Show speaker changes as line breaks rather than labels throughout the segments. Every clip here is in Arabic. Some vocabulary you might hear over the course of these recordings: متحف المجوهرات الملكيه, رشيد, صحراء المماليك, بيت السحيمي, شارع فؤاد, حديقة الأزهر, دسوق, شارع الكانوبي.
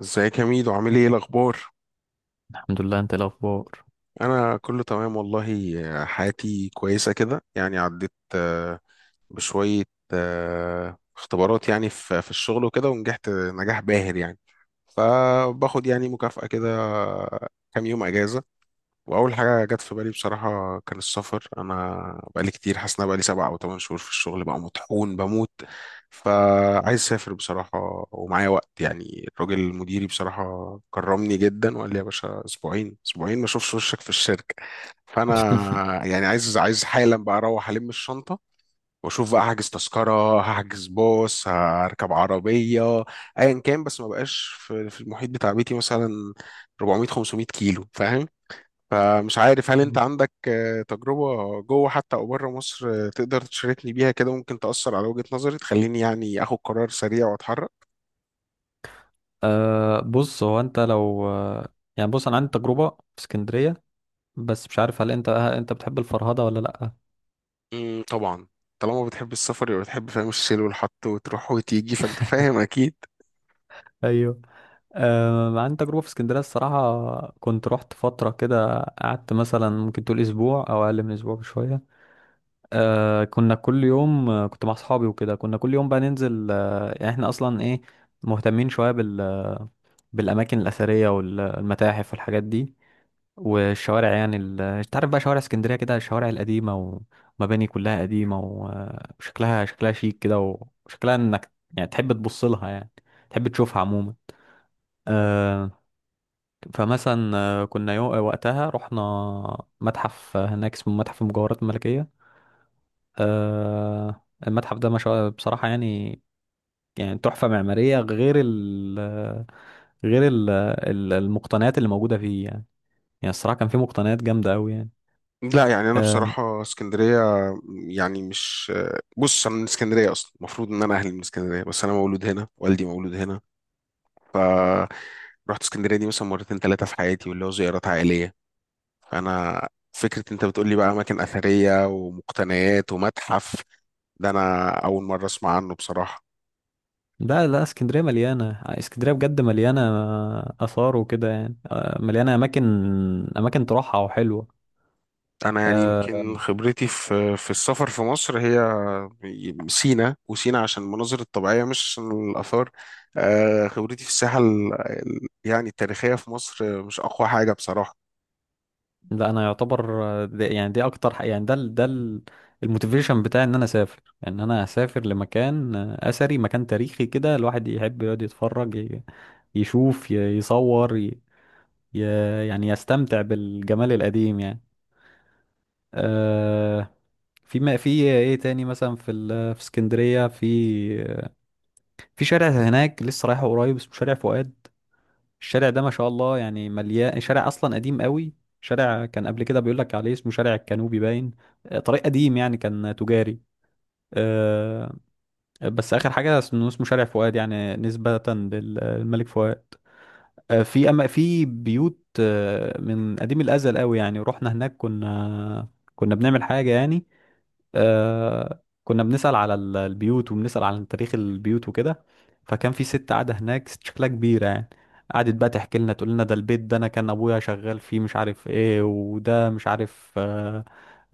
ازيك يا ميدو، عامل ايه الاخبار؟
الحمد لله، انت ايه الاخبار؟
انا كله تمام والله. حياتي كويسه كده، يعني عديت بشويه اختبارات يعني في الشغل وكده، ونجحت نجاح باهر يعني. فباخد يعني مكافأة كده، كام يوم اجازه. واول حاجه جت في بالي بصراحه كان السفر. انا بقالي كتير حاسس ان أنا بقالي 7 أو 8 شهور في الشغل، بقى مطحون بموت. فعايز اسافر بصراحه، ومعايا وقت. يعني الراجل مديري بصراحه كرمني جدا، وقال لي يا باشا اسبوعين اسبوعين ما اشوفش وشك في الشركه. فانا يعني عايز حالا بقى اروح الم الشنطه، واشوف بقى، هحجز تذكره، هحجز باص، هركب عربيه، ايا كان. بس ما بقاش في المحيط بتاع بيتي مثلا 400 500 كيلو، فاهم؟ فمش عارف، هل انت عندك تجربة جوه حتى او بره مصر، تقدر تشاركني بيها كده، ممكن تأثر على وجهة نظري تخليني يعني اخد قرار سريع واتحرك؟
أه، بص. هو انت لو يعني بص انا عندي تجربه في اسكندريه، بس مش عارف هل انت بتحب الفرهده ولا لا.
مم، طبعا. طالما بتحب السفر يبقى بتحب، فاهم، الشيل والحط وتروح وتيجي، فانت فاهم اكيد.
ايوه. أه، عندي تجربه في اسكندريه. الصراحه كنت رحت فتره كده، قعدت مثلا ممكن تقول اسبوع او اقل من اسبوع بشويه. أه، كنا كل يوم، كنت مع اصحابي وكده، كنا كل يوم بقى ننزل. يعني احنا اصلا ايه، مهتمين شويه بالاماكن الاثريه والمتاحف والحاجات دي والشوارع. يعني انت عارف بقى شوارع اسكندريه كده، الشوارع القديمه ومباني كلها قديمه، وشكلها شكلها شيك كده، وشكلها انك يعني تحب تبص لها، يعني تحب تشوفها عموما. آه. فمثلا، كنا وقتها رحنا متحف هناك اسمه متحف المجوهرات الملكيه. المتحف ده ما شاء بصراحه، يعني يعني تحفه معماريه، غير المقتنيات اللي موجوده فيه. يعني الصراحه كان فيه مقتنيات جامده قوي، يعني.
لا، يعني انا
آه،
بصراحة اسكندرية يعني مش. بص انا من اسكندرية اصلا، المفروض ان انا اهلي من اسكندرية، بس انا مولود هنا، والدي مولود هنا. فرحت اسكندرية دي مثلا مرتين ثلاثة في حياتي، واللي هو زيارات عائلية. فانا، فكره انت بتقول لي بقى اماكن اثريه ومقتنيات ومتحف، ده انا اول مره اسمع عنه بصراحه.
لا لا، اسكندرية مليانة، اسكندرية بجد مليانة آثار وكده، يعني مليانة أماكن، أماكن تروحها وحلوة.
انا يعني
أه.
يمكن خبرتي في السفر في مصر هي سينا، وسينا عشان المناظر الطبيعيه، مش عشان الاثار. خبرتي في الساحه يعني التاريخيه في مصر مش اقوى حاجه بصراحه.
لا أنا يعتبر، دي يعني دي أكتر يعني الموتيفيشن بتاعي، إن أنا أسافر لمكان أثري، مكان تاريخي كده، الواحد يحب يقعد يتفرج، يشوف، يصور، يعني يستمتع بالجمال القديم يعني. أه. في، ما في ايه تاني مثلا في في اسكندرية، في شارع هناك لسه رايحه قريب، اسمه شارع فؤاد. الشارع ده ما شاء الله يعني، مليان. شارع اصلا قديم قوي. شارع كان قبل كده بيقول لك عليه اسمه شارع الكانوبي، باين. طريق قديم، يعني كان تجاري. آه، بس اخر حاجه اسمه شارع فؤاد، يعني نسبه للملك فؤاد. في، اما في بيوت، من قديم الازل قوي. يعني رحنا هناك، كنا بنعمل حاجه يعني. كنا بنسأل على البيوت، وبنسأل على تاريخ البيوت وكده. فكان في ست قاعدة هناك، ست شكلها كبيرة يعني، قعدت بقى تحكي لنا، تقول لنا ده البيت ده انا كان ابويا شغال فيه، مش عارف ايه، وده مش عارف. آه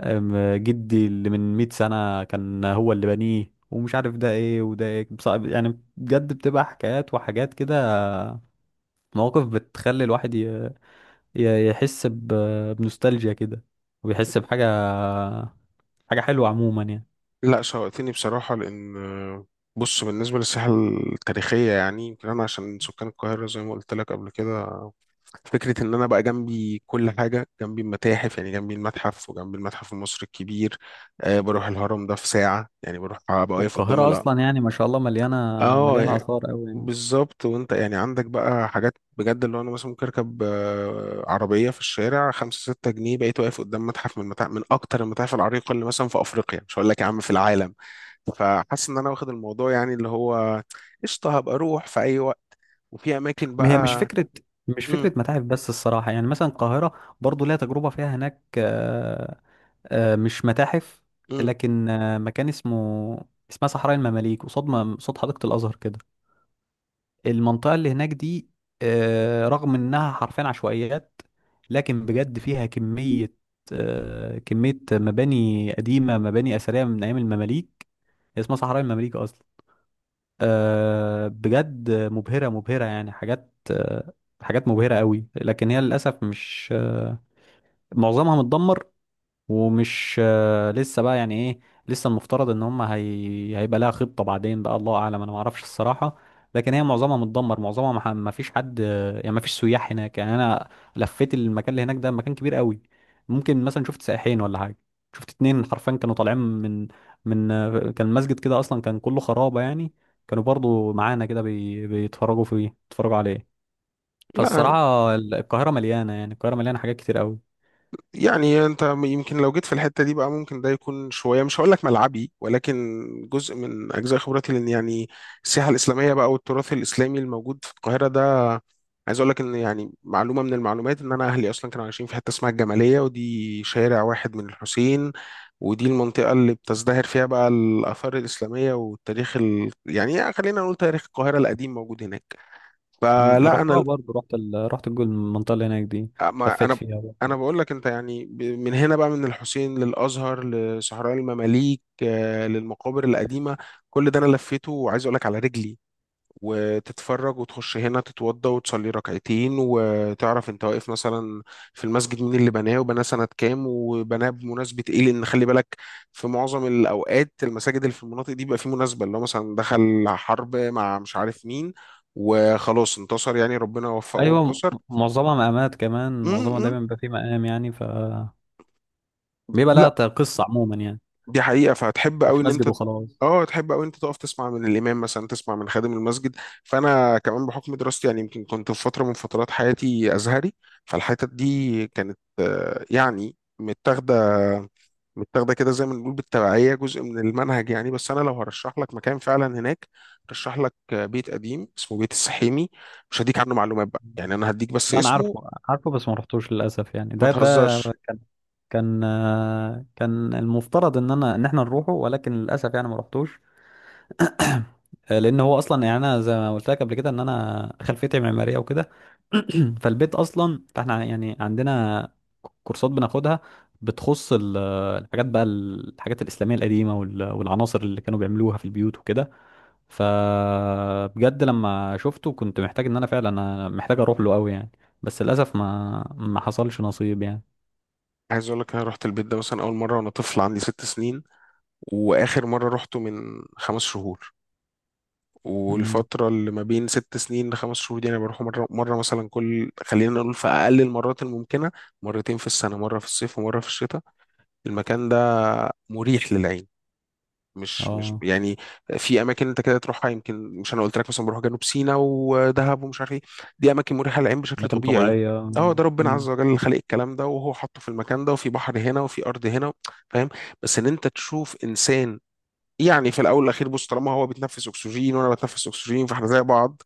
آم، جدي اللي من 100 سنة كان هو اللي بنيه، ومش عارف ده ايه وده ايه. يعني بجد بتبقى حكايات وحاجات كده، مواقف بتخلي الواحد يحس بنوستالجيا كده، ويحس بحاجة حاجة حلوة عموما يعني.
لا، شوقتني بصراحة، لأن بص بالنسبة للساحة التاريخية، يعني يمكن أنا عشان سكان القاهرة، زي ما قلت لك قبل كده، فكرة إن أنا بقى جنبي كل حاجة، جنبي المتاحف يعني، جنبي المتحف، وجنبي المتحف المصري الكبير. آه، بروح الهرم ده في ساعة، يعني بروح أبقى واقف قدام
والقاهرة
الأ.
أصلا يعني ما شاء الله مليانة،
آه
مليانة
يعني
آثار أوي يعني.
بالظبط. وأنت يعني عندك بقى حاجات بجد، اللي هو أنا مثلا ممكن أركب عربية في الشارع 5 6 جنيه، بقيت واقف قدام متحف من متاحف، من أكتر المتاحف العريقة اللي مثلا في أفريقيا، مش هقول لك يا عم في العالم. فحاسس ان انا واخد الموضوع، يعني اللي هو قشطه، هبقى اروح في اي وقت، وفي اماكن
ما هي مش
بقى.
فكرة،
امم.
متاحف بس الصراحة. يعني مثلا القاهرة برضو ليها تجربة فيها هناك، مش متاحف،
امم.
لكن مكان اسمه، اسمها صحراء المماليك، قصاد قصاد حديقة الأزهر كده، المنطقة اللي هناك دي. رغم إنها حرفيا عشوائيات، لكن بجد فيها كمية مباني قديمة، مباني أثرية من أيام المماليك. هي اسمها صحراء المماليك أصلا. بجد مبهرة، مبهرة يعني، حاجات حاجات مبهرة قوي، لكن هي للأسف مش معظمها متدمر، ومش لسه بقى يعني ايه. لسه المفترض ان هم، هيبقى لها خطة بعدين بقى، الله اعلم، انا ما اعرفش الصراحة. لكن هي معظمها متدمر، معظمها ما ما فيش حد. يعني ما فيش سياح هناك. يعني انا لفيت المكان اللي هناك ده، مكان كبير قوي. ممكن مثلا شفت سائحين ولا حاجة، شفت اتنين حرفيا كانوا طالعين من، كان المسجد كده اصلا كان كله خرابة يعني. كانوا برضو معانا كده، بيتفرجوا عليه.
لا،
فالصراحة القاهرة مليانة، يعني القاهرة مليانة حاجات كتير قوي.
يعني انت يمكن لو جيت في الحته دي بقى، ممكن ده يكون شويه، مش هقول لك ملعبي، ولكن جزء من اجزاء خبرتي، لان يعني السياحه الاسلاميه بقى والتراث الاسلامي الموجود في القاهره ده. عايز اقول لك ان يعني معلومه من المعلومات، ان انا اهلي اصلا كانوا عايشين في حته اسمها الجماليه، ودي شارع واحد من الحسين. ودي المنطقه اللي بتزدهر فيها بقى الاثار الاسلاميه، والتاريخ يعني خلينا نقول تاريخ القاهره القديم موجود هناك.
مم.
فلا انا
رحتها برضه، رحت الجول، المنطقة اللي هناك دي.
ما
لفيت
انا.
فيها
انا
برضه.
بقول لك انت يعني من هنا بقى، من الحسين للازهر لصحراء المماليك، للمقابر القديمه، كل ده انا لفيته، وعايز اقول لك على رجلي. وتتفرج وتخش هنا تتوضى وتصلي ركعتين، وتعرف انت واقف مثلا في المسجد مين اللي بناه، وبناه سنه كام، وبناه بمناسبه ايه، لان خلي بالك في معظم الاوقات المساجد اللي في المناطق دي بيبقى في مناسبه، اللي هو مثلا دخل حرب مع مش عارف مين، وخلاص انتصر، يعني ربنا وفقه
ايوه.
وانتصر.
معظمها مقامات كمان، معظمها
م-
دايما بيبقى فيه مقام يعني، بيبقى
م.
لها قصة عموما يعني،
دي حقيقة، فهتحب قوي
مش
ان
مسجد
انت
وخلاص.
اه تحب قوي، انت تقف تسمع من الامام مثلا، تسمع من خادم المسجد. فانا كمان بحكم دراستي يعني، يمكن كنت في فترة من فترات حياتي ازهري. فالحتت دي كانت يعني متاخدة متاخدة كده، زي ما بنقول بالتبعية جزء من المنهج يعني. بس انا لو هرشح لك مكان فعلا هناك، رشح لك بيت قديم اسمه بيت السحيمي. مش هديك عنه معلومات بقى، يعني انا هديك بس
لا انا
اسمه،
عارفه عارفه، بس ما رحتوش للاسف يعني.
ما
ده
تهزرش.
كان المفترض ان احنا نروحه، ولكن للاسف يعني ما رحتوش. لان هو اصلا يعني، انا زي ما قلت لك قبل كده، ان انا خلفيتي معماريه وكده. فالبيت اصلا، فاحنا يعني عندنا كورسات بناخدها، بتخص الحاجات بقى، الحاجات الاسلاميه القديمه والعناصر اللي كانوا بيعملوها في البيوت وكده. فبجد لما شفته كنت محتاج ان انا فعلا انا محتاج اروح له قوي يعني. بس للاسف ما حصلش نصيب يعني.
عايز اقول لك انا رحت البيت ده مثلا اول مره وانا طفل عندي 6 سنين، واخر مره روحته من 5 شهور،
امم.
والفتره اللي ما بين 6 سنين لخمس شهور دي انا بروح مره مره مثلا كل، خلينا نقول في اقل المرات الممكنه، مرتين في السنه، مره في الصيف ومره في الشتاء. المكان ده مريح للعين، مش
اه،
يعني. في اماكن انت كده تروحها، يمكن مش، انا قلت لك مثلا بروح جنوب سيناء ودهب ومش عارف ايه، دي اماكن مريحه للعين بشكل
اماكن
طبيعي.
طبيعيه.
اه، ده ربنا عز
مم.
وجل اللي خلق الكلام ده، وهو حطه في المكان ده، وفي بحر هنا، وفي ارض هنا، فاهم. بس ان انت تشوف انسان، يعني في الاول والاخير بص، طالما هو بيتنفس اكسجين وانا بتنفس اكسجين فاحنا زي بعض.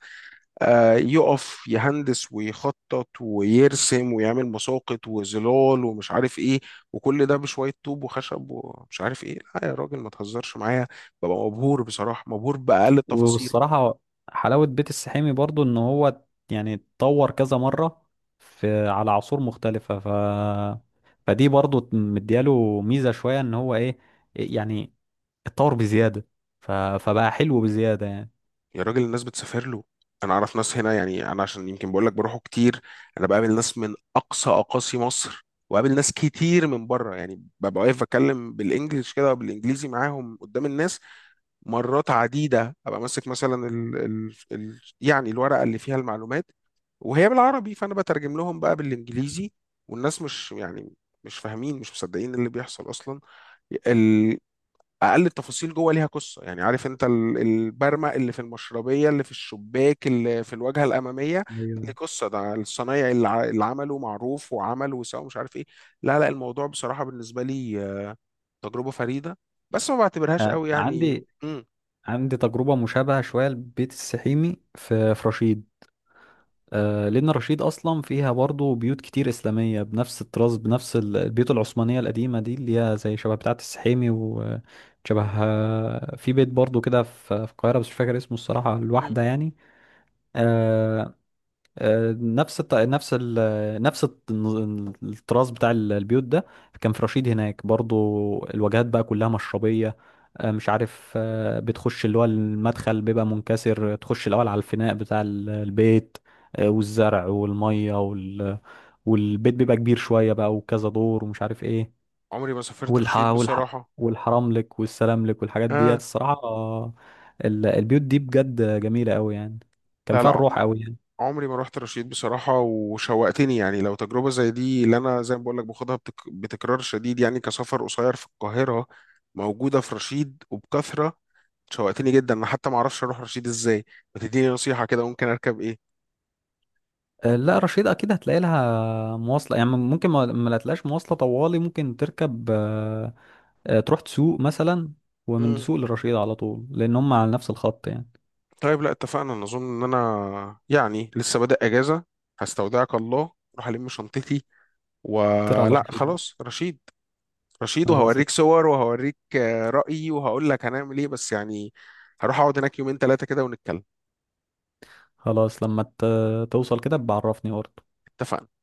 آه، يقف يهندس ويخطط ويرسم، ويعمل مساقط وظلال ومش عارف ايه، وكل ده بشويه طوب وخشب ومش عارف ايه، لا يا راجل ما تهزرش معايا! ببقى مبهور بصراحه، مبهور باقل التفاصيل.
والصراحة حلاوة بيت السحيمي برضو، ان هو يعني اتطور كذا مرة، في، على عصور مختلفة. فدي برضو مدياله ميزة شوية، ان هو ايه، يعني اتطور بزيادة. فبقى حلو بزيادة يعني.
يا راجل، الناس بتسافر له. انا اعرف ناس هنا، يعني انا عشان يمكن بقول لك بروحه كتير، انا بقابل ناس من اقصى اقاصي مصر، وقابل ناس كتير من بره، يعني ببقى واقف بتكلم بالانجلش كده، بالانجليزي معاهم قدام الناس. مرات عديدة أبقى ماسك مثلا ال يعني الورقة اللي فيها المعلومات، وهي بالعربي، فأنا بترجم لهم بقى بالإنجليزي. والناس مش يعني، مش فاهمين، مش مصدقين اللي بيحصل أصلا. ال- أقل التفاصيل جوه ليها قصة. يعني عارف أنت البرمة اللي في المشربية اللي في الشباك اللي في الواجهة الأمامية، ده
ايوه.
ليه قصة، ده الصنايعي اللي اللي عمله معروف، وعمل وسوى مش عارف إيه. لا لا، الموضوع بصراحة بالنسبة لي تجربة فريدة. بس ما بعتبرهاش
آه،
قوي يعني.
عندي
مم.
عندي تجربة مشابهة شوية لبيت السحيمي في رشيد. لأن رشيد أصلا فيها برضو بيوت كتير إسلامية بنفس الطراز، بنفس البيوت العثمانية القديمة دي، اللي هي زي شبه بتاعة السحيمي وشبه. في بيت برضو كده في القاهرة، بس مش فاكر اسمه الصراحة،
مم.
الواحدة يعني. آه، نفس الطراز بتاع البيوت ده، كان في رشيد هناك برضو. الواجهات بقى كلها مشربية، مش عارف، بتخش اللي هو المدخل بيبقى منكسر، تخش الأول على الفناء بتاع البيت، والزرع والمية والبيت بيبقى كبير شوية بقى وكذا دور ومش عارف ايه.
عمري ما سافرت
والح...
رشيد
والح...
بصراحة.
والحرام لك والسلام لك والحاجات ديت
آه.
الصراحة. البيوت دي بجد جميلة قوي يعني، كان
لا
فيها
لا،
الروح قوي.
عمري ما رحت رشيد بصراحة، وشوقتني يعني، لو تجربة زي دي اللي أنا زي ما بقول لك باخدها بتكرار شديد، يعني كسفر قصير في القاهرة موجودة في رشيد وبكثرة. شوقتني جدا أنا، حتى ما أعرفش أروح رشيد إزاي. ما تديني نصيحة كده، ممكن أركب إيه؟
آه، لا رشيد اكيد هتلاقي لها مواصله، يعني ممكن ما لا تلاقيش مواصله طوالي، ممكن تركب، تروح تسوق مثلا، ومن
مم.
دسوق لرشيد على طول، لان هم على نفس الخط يعني.
طيب، لا اتفقنا، أنا أظن إن أنا يعني لسه بادئ أجازة، هستودعك الله، أروح ألم شنطتي،
طير على
ولا
رشيد.
خلاص رشيد؟ رشيد،
خلاص.
وهوريك صور وهوريك رأيي، وهقول لك هنعمل ايه، بس يعني هروح اقعد هناك يومين ثلاثة كده ونتكلم.
خلاص، لما توصل كده بعرفني برضه.
اتفقنا.